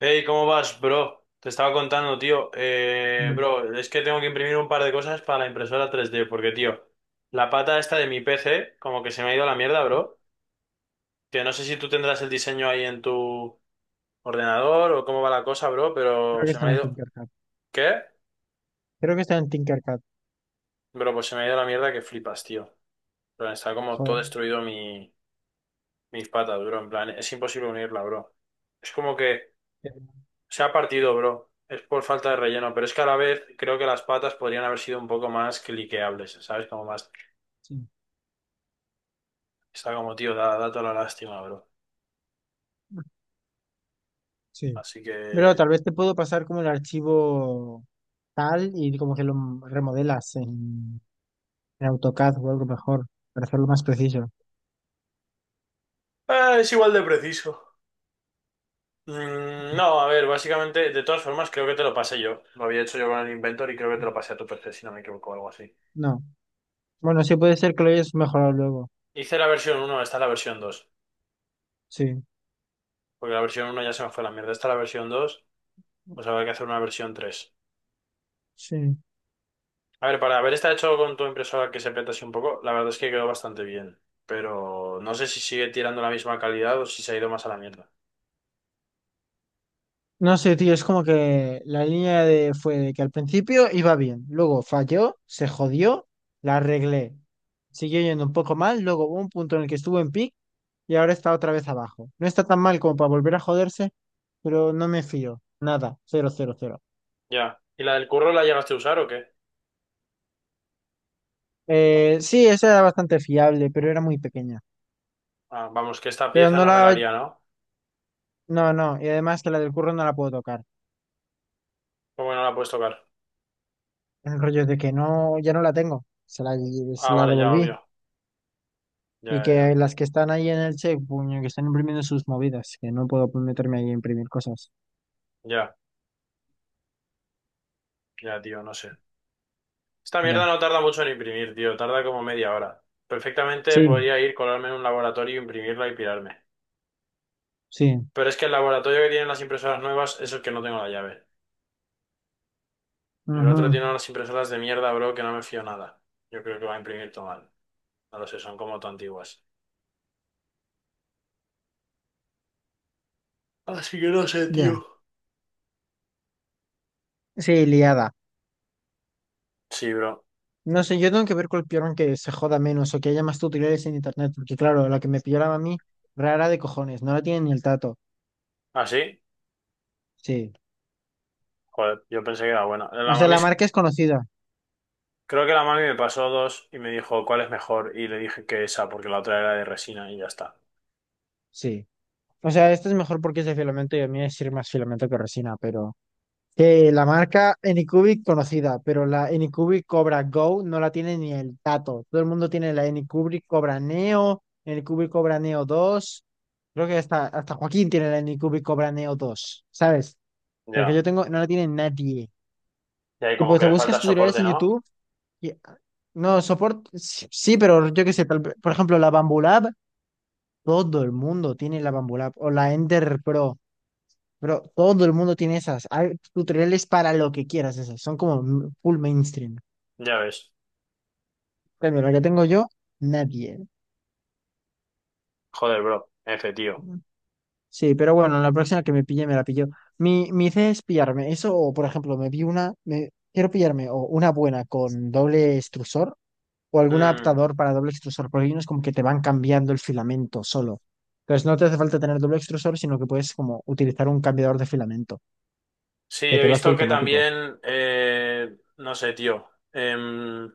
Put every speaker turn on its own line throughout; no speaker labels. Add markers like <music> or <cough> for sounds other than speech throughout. Hey, ¿cómo vas, bro? Te estaba contando, tío.
Bien.
Bro, es que tengo que imprimir un par de cosas para la impresora 3D, porque, tío, la pata esta de mi PC, como que se me ha ido a la mierda, bro. Que no sé si tú tendrás el diseño ahí en tu ordenador o cómo va la cosa, bro,
Creo
pero
que
se
está
me ha
en
ido.
Tinkercad.
¿Qué?
Creo que está en Tinkercad.
Bro, pues se me ha ido a la mierda que flipas, tío. Pero está como
Joder.
todo destruido mis patas, bro. En plan, es imposible unirla, bro. Es como que
Pero.
se ha partido, bro. Es por falta de relleno, pero es que a la vez creo que las patas podrían haber sido un poco más cliqueables, ¿sabes? Como más.
Sí.
Está como, tío, da toda la lástima, bro.
Sí.
Así
Pero
que
tal vez te puedo pasar como el archivo tal y como que lo remodelas en AutoCAD o algo mejor para hacerlo más preciso.
es igual de preciso. No, a ver, básicamente, de todas formas, creo que te lo pasé yo. Lo había hecho yo con el Inventor y creo que te lo pasé a tu PC, si no me equivoco, o algo así.
No. Bueno, sí puede ser que lo hayas mejorado luego.
Hice la versión uno. Esta es la versión dos.
Sí.
Porque la versión uno ya se me fue a la mierda. Esta es la versión 2, pues habrá que hacer una versión tres.
Sí.
A ver, para haber estado hecho con tu impresora que se peta así un poco, la verdad es que quedó bastante bien. Pero no sé si sigue tirando la misma calidad o si se ha ido más a la mierda.
No sé, tío, es como que la línea de fue de que al principio iba bien, luego falló, se jodió, la arreglé. Siguió yendo un poco mal, luego hubo un punto en el que estuvo en pic y ahora está otra vez abajo. No está tan mal como para volver a joderse, pero no me fío. Nada, cero, cero, cero.
Ya. ¿Y la del curro la llegaste a usar o qué? No.
Sí, esa era bastante fiable, pero era muy pequeña.
Ah, vamos, que esta
Pero
pieza
no
no me la
la…
haría, ¿no?
No, no, y además que la del curro no la puedo tocar.
¿Cómo que no la puedes tocar?
El rollo es de que no, ya no la tengo. Se
Ah,
la
vale, ya,
devolví.
obvio.
Y
Ya, ya,
que
ya.
las que están ahí en el CEP, puño, que están imprimiendo sus movidas, que no puedo meterme ahí a imprimir cosas.
Ya, ya, tío, no sé. Esta mierda
Ya.
no tarda mucho en imprimir, tío. Tarda como media hora. Perfectamente
Sí,
podría ir, colarme en un laboratorio, imprimirla y pirarme.
sí.
Pero es que el laboratorio que tienen las impresoras nuevas es el que no tengo la llave. El otro
Ujú.
tiene unas impresoras de mierda, bro, que no me fío nada. Yo creo que va a imprimir todo mal. No lo sé, son como todo antiguas. Así que no sé, tío.
Ya. Sí, liada.
Sí, bro.
No sé, yo tengo que ver cuál pillaron que se joda menos o que haya más tutoriales en internet, porque claro, la que me pillaron a mí, rara de cojones, no la tiene ni el tato.
¿Ah, sí?
Sí.
Joder, yo pensé que era bueno.
O
La
sea,
mami,
la marca es conocida.
creo que la mami me pasó dos y me dijo cuál es mejor y le dije que esa porque la otra era de resina y ya está.
Sí. O sea, esta es mejor porque es de filamento y a mí es ir más filamento que resina, pero. Que la marca Anycubic conocida, pero la Anycubic Cobra Go no la tiene ni el tato. Todo el mundo tiene la Anycubic Cobra Neo, Anycubic Cobra Neo dos. Creo que hasta Joaquín tiene la Anycubic Cobra Neo 2, ¿sabes? El que yo
Ya.
tengo no la tiene nadie.
Y ahí
Y
como
pues
que
te
le
buscas
falta
tutoriales
soporte,
en
¿no?
YouTube y no, soporte, sí, sí, pero yo qué sé, tal- por ejemplo, la Bambulab, todo el mundo tiene la Bambulab o la Ender Pro. Pero todo el mundo tiene esas. Hay tutoriales para lo que quieras, esas. Son como m- full mainstream.
Ya ves.
Pero la que tengo yo, nadie.
Joder, bro. F, tío.
Sí, pero bueno, la próxima que me pille, me la pillo. Mi idea es pillarme eso, o por ejemplo, me vi una, me, quiero pillarme o una buena con doble extrusor o algún
Mm.
adaptador para doble extrusor, porque hay unos como que te van cambiando el filamento solo. Entonces no te hace falta tener doble extrusor, sino que puedes como utilizar un cambiador de filamento,
Sí,
que
he
te lo hace
visto que
automático.
también, no sé, tío.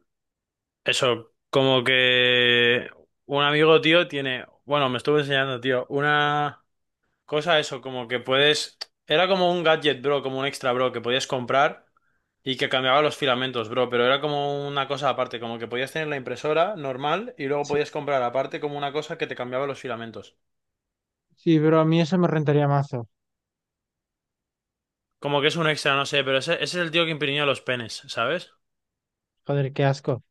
Eso, como que un amigo, tío, tiene, bueno, me estuvo enseñando, tío, una cosa, eso, como que puedes, era como un gadget, bro, como un extra, bro, que podías comprar y que cambiaba los filamentos, bro, pero era como una cosa aparte, como que podías tener la impresora normal y luego
Sí,
podías comprar aparte como una cosa que te cambiaba los filamentos.
sí, pero a mí eso me rentaría mazo.
Como que es un extra, no sé, pero ese es el tío que imprimía los penes, ¿sabes?
Joder, qué asco.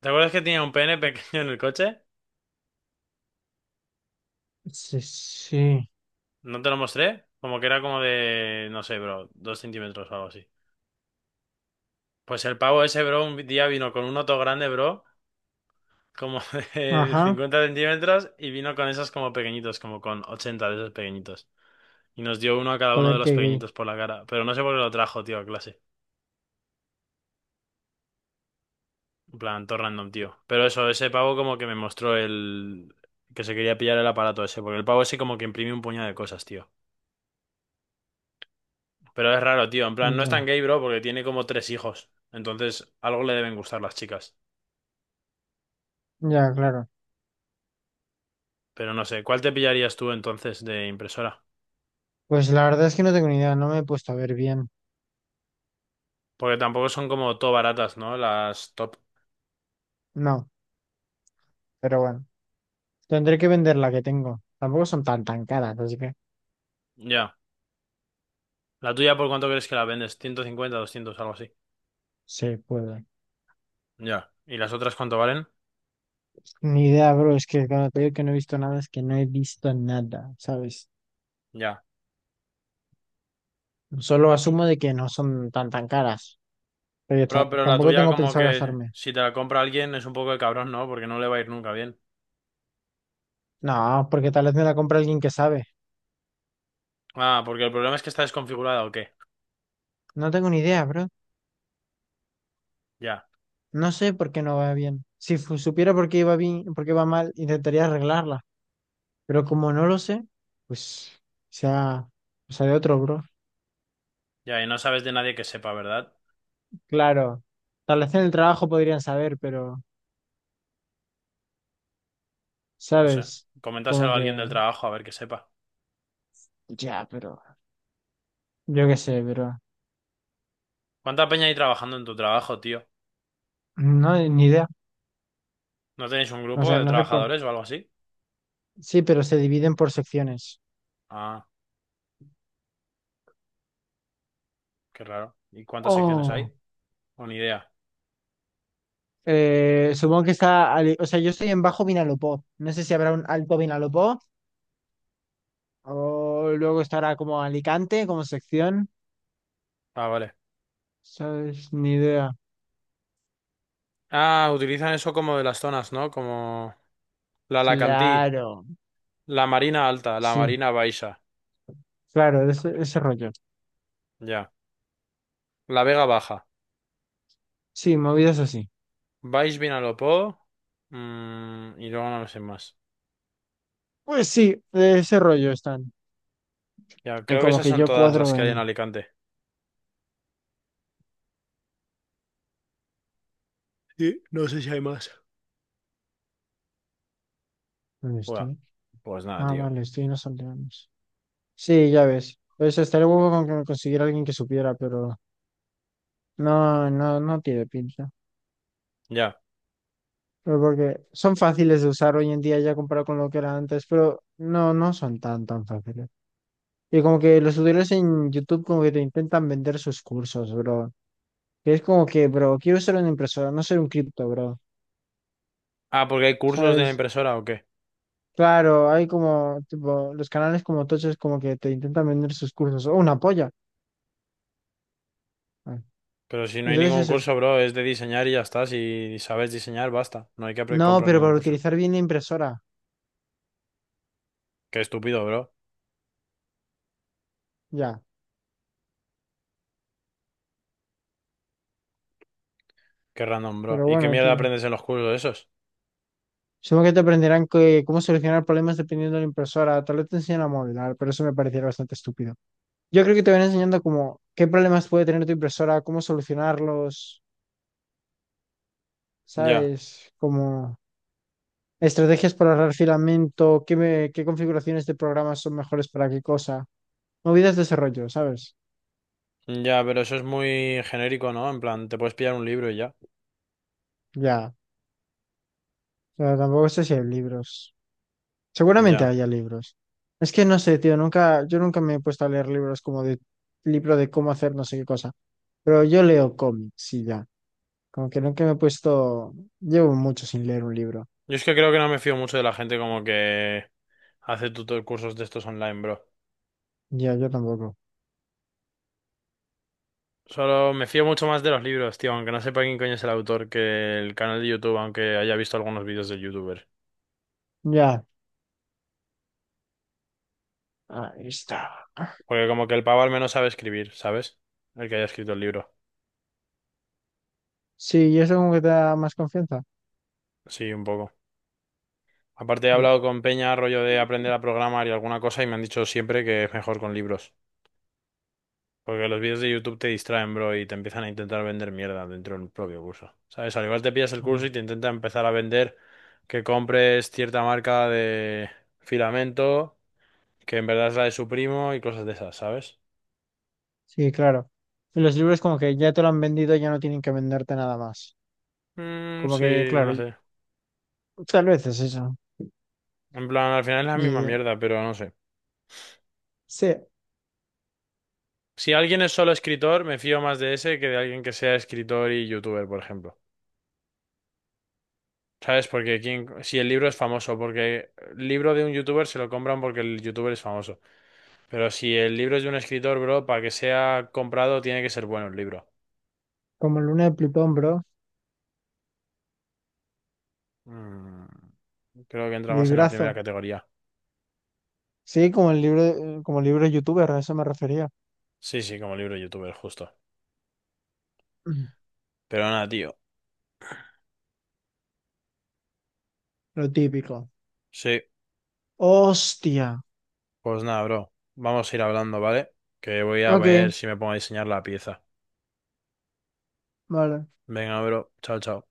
¿Te acuerdas que tenía un pene <laughs> pequeño en el coche?
Sí, sí.
¿No te lo mostré? Como que era como de, no sé, bro, 2 centímetros o algo así. Pues el pavo ese, bro, un día vino con un otro grande, bro, como <laughs> de
Ajá.
50 centímetros, y vino con esos como pequeñitos, como con 80 de esos pequeñitos. Y nos dio uno a cada uno
Joder,
de los
qué gay.
pequeñitos por la cara. Pero no sé por qué lo trajo, tío, a clase. En plan, todo random, tío. Pero eso, ese pavo como que me mostró el que se quería pillar el aparato ese, porque el pavo ese como que imprime un puñado de cosas, tío. Pero es raro, tío. En plan, no es
Ya,
tan gay, bro, porque tiene como tres hijos. Entonces, algo le deben gustar las chicas.
ya, claro.
Pero no sé, ¿cuál te pillarías tú entonces de impresora?
Pues la verdad es que no tengo ni idea, no me he puesto a ver bien.
Porque tampoco son como todo baratas, ¿no? Las top.
No, pero bueno. Tendré que vender la que tengo. Tampoco son tan tan caras, así que
Ya. ¿La tuya por cuánto crees que la vendes? ¿150, 200, algo así?
se puede.
Ya. ¿Y las otras cuánto valen?
Ni idea, bro. Es que cuando te digo que no he visto nada, es que no he visto nada, ¿sabes?
Ya.
Solo asumo de que no son tan tan caras. Pero yo
Pero,
ta-
pero la
tampoco
tuya
tengo
como
pensado
que
gastarme.
si te la compra alguien es un poco de cabrón, ¿no? Porque no le va a ir nunca bien.
No, porque tal vez me la compra alguien que sabe.
Ah, porque el problema es que está desconfigurada o qué.
No tengo ni idea, bro.
Ya.
No sé por qué no va bien. Si fu- supiera por qué iba bien, por qué va mal, intentaría arreglarla. Pero como no lo sé, pues sea, o sea de otro, bro.
Ya, y no sabes de nadie que sepa, ¿verdad?
Claro, tal vez en el trabajo podrían saber, pero,
No sé.
¿sabes? Como
Coméntaselo a alguien del
que,
trabajo a ver que sepa.
ya, pero, yo qué sé, pero,
¿Cuánta peña hay trabajando en tu trabajo, tío?
no, ni idea.
¿No tenéis un
O
grupo
sea,
de
no sé cuánto.
trabajadores o algo así?
Sí, pero se dividen por secciones.
Ah, qué raro. ¿Y cuántas secciones hay?
Oh,
O ni idea.
supongo que está, ali- o sea, yo estoy en Bajo Vinalopó. No sé si habrá un Alto Vinalopó o luego estará como Alicante como sección.
Ah, vale.
¿Sabes? Ni idea.
Ah, utilizan eso como de las zonas, ¿no? Como la Alacantí,
Claro.
la Marina Alta, la
Sí,
Marina Baixa,
claro, de ese rollo.
ya. La Vega Baja,
Sí, movidas así.
Baix Vinalopó, y luego no me sé más.
Pues sí, de ese rollo están.
Ya,
En
creo que
como
esas
que
son
yo
todas las
cuadro
que hay en
en…
Alicante. Sí, no sé si hay más.
¿Dónde
Buah,
estoy?
pues nada,
Ah,
tío.
vale, estoy en los aldeanos. Sí, ya ves. Pues estaría huevo con que me consiguiera alguien que supiera, pero no, no, no tiene pinta.
Ya.
Pero porque son fáciles de usar hoy en día ya comparado con lo que era antes, pero no, no son tan, tan fáciles. Y como que los tutoriales en YouTube como que te intentan vender sus cursos, bro. Y es como que, bro, quiero ser una impresora, no ser un cripto, bro.
Ah, porque hay cursos de
¿Sabes?
impresora o qué.
Claro, hay como, tipo, los canales como tochos como que te intentan vender sus cursos. ¡Oh, una polla! Ah.
Pero si no hay
Entonces
ningún
eso es.
curso, bro, es de diseñar y ya está. Si sabes diseñar, basta. No hay que
No,
comprar
pero
ningún
para
curso.
utilizar bien la impresora.
Qué estúpido, bro.
Ya.
Qué random, bro.
Pero
¿Y qué
bueno,
mierda
tío.
aprendes en los cursos esos?
Supongo que te aprenderán que- cómo solucionar problemas dependiendo de la impresora. Tal vez te enseñan a modelar, pero eso me pareciera bastante estúpido. Yo creo que te van enseñando como qué problemas puede tener tu impresora, cómo solucionarlos,
Ya.
¿sabes? Como… Estrategias para ahorrar filamento, qué, me- qué configuraciones de programas son mejores para qué cosa. Movidas de desarrollo, ¿sabes?
Ya, pero eso es muy genérico, ¿no? En plan, te puedes pillar un libro y ya.
Ya. O sea, tampoco sé si hay libros. Seguramente
Ya.
haya libros. Es que no sé, tío, nunca, yo nunca me he puesto a leer libros como de libro de cómo hacer no sé qué cosa. Pero yo leo cómics y ya. Como que nunca me he puesto. Llevo mucho sin leer un libro.
Yo es que creo que no me fío mucho de la gente como que hace tutor cursos de estos online, bro.
Ya, yo tampoco.
Solo me fío mucho más de los libros, tío, aunque no sepa quién coño es el autor que el canal de YouTube, aunque haya visto algunos vídeos de YouTuber.
Ya. Ahí está.
Porque como que el pavo al menos sabe escribir, ¿sabes? El que haya escrito el libro.
Sí, y eso como que te da más confianza.
Sí, un poco. Aparte he
Ya.
hablado con Peña, rollo de aprender a programar y alguna cosa, y me han dicho siempre que es mejor con libros. Porque los vídeos de YouTube te distraen, bro, y te empiezan a intentar vender mierda dentro del propio curso. ¿Sabes? Al igual te pillas el
Ya.
curso y te intenta empezar a vender que compres cierta marca de filamento, que en verdad es la de su primo y cosas de esas, ¿sabes?
Sí, claro. Y los libros como que ya te lo han vendido, ya no tienen que venderte nada más.
Mm,
Como
sí,
que, claro,
no sé.
tal vez es eso.
En plan, al final es la
Ni
misma
idea.
mierda, pero no sé.
Sí,
Si alguien es solo escritor, me fío más de ese que de alguien que sea escritor y youtuber, por ejemplo. ¿Sabes? Porque si el libro es famoso, porque el libro de un youtuber se lo compran porque el youtuber es famoso. Pero si el libro es de un escritor, bro, para que sea comprado tiene que ser bueno el libro.
como Luna de Plutón, bro.
Mm, Creo que entra más en la primera
Librazo.
categoría.
Sí, como el libro youtuber, a eso me refería. <clears throat>
Sí, sí, como libro youtuber, justo.
Mm.
Pero nada, tío.
Lo típico.
Sí,
Hostia.
pues nada, bro. Vamos a ir hablando, ¿vale? Que voy a ver
Ok,
si me pongo a diseñar la pieza.
vale.
Venga, bro. Chao, chao.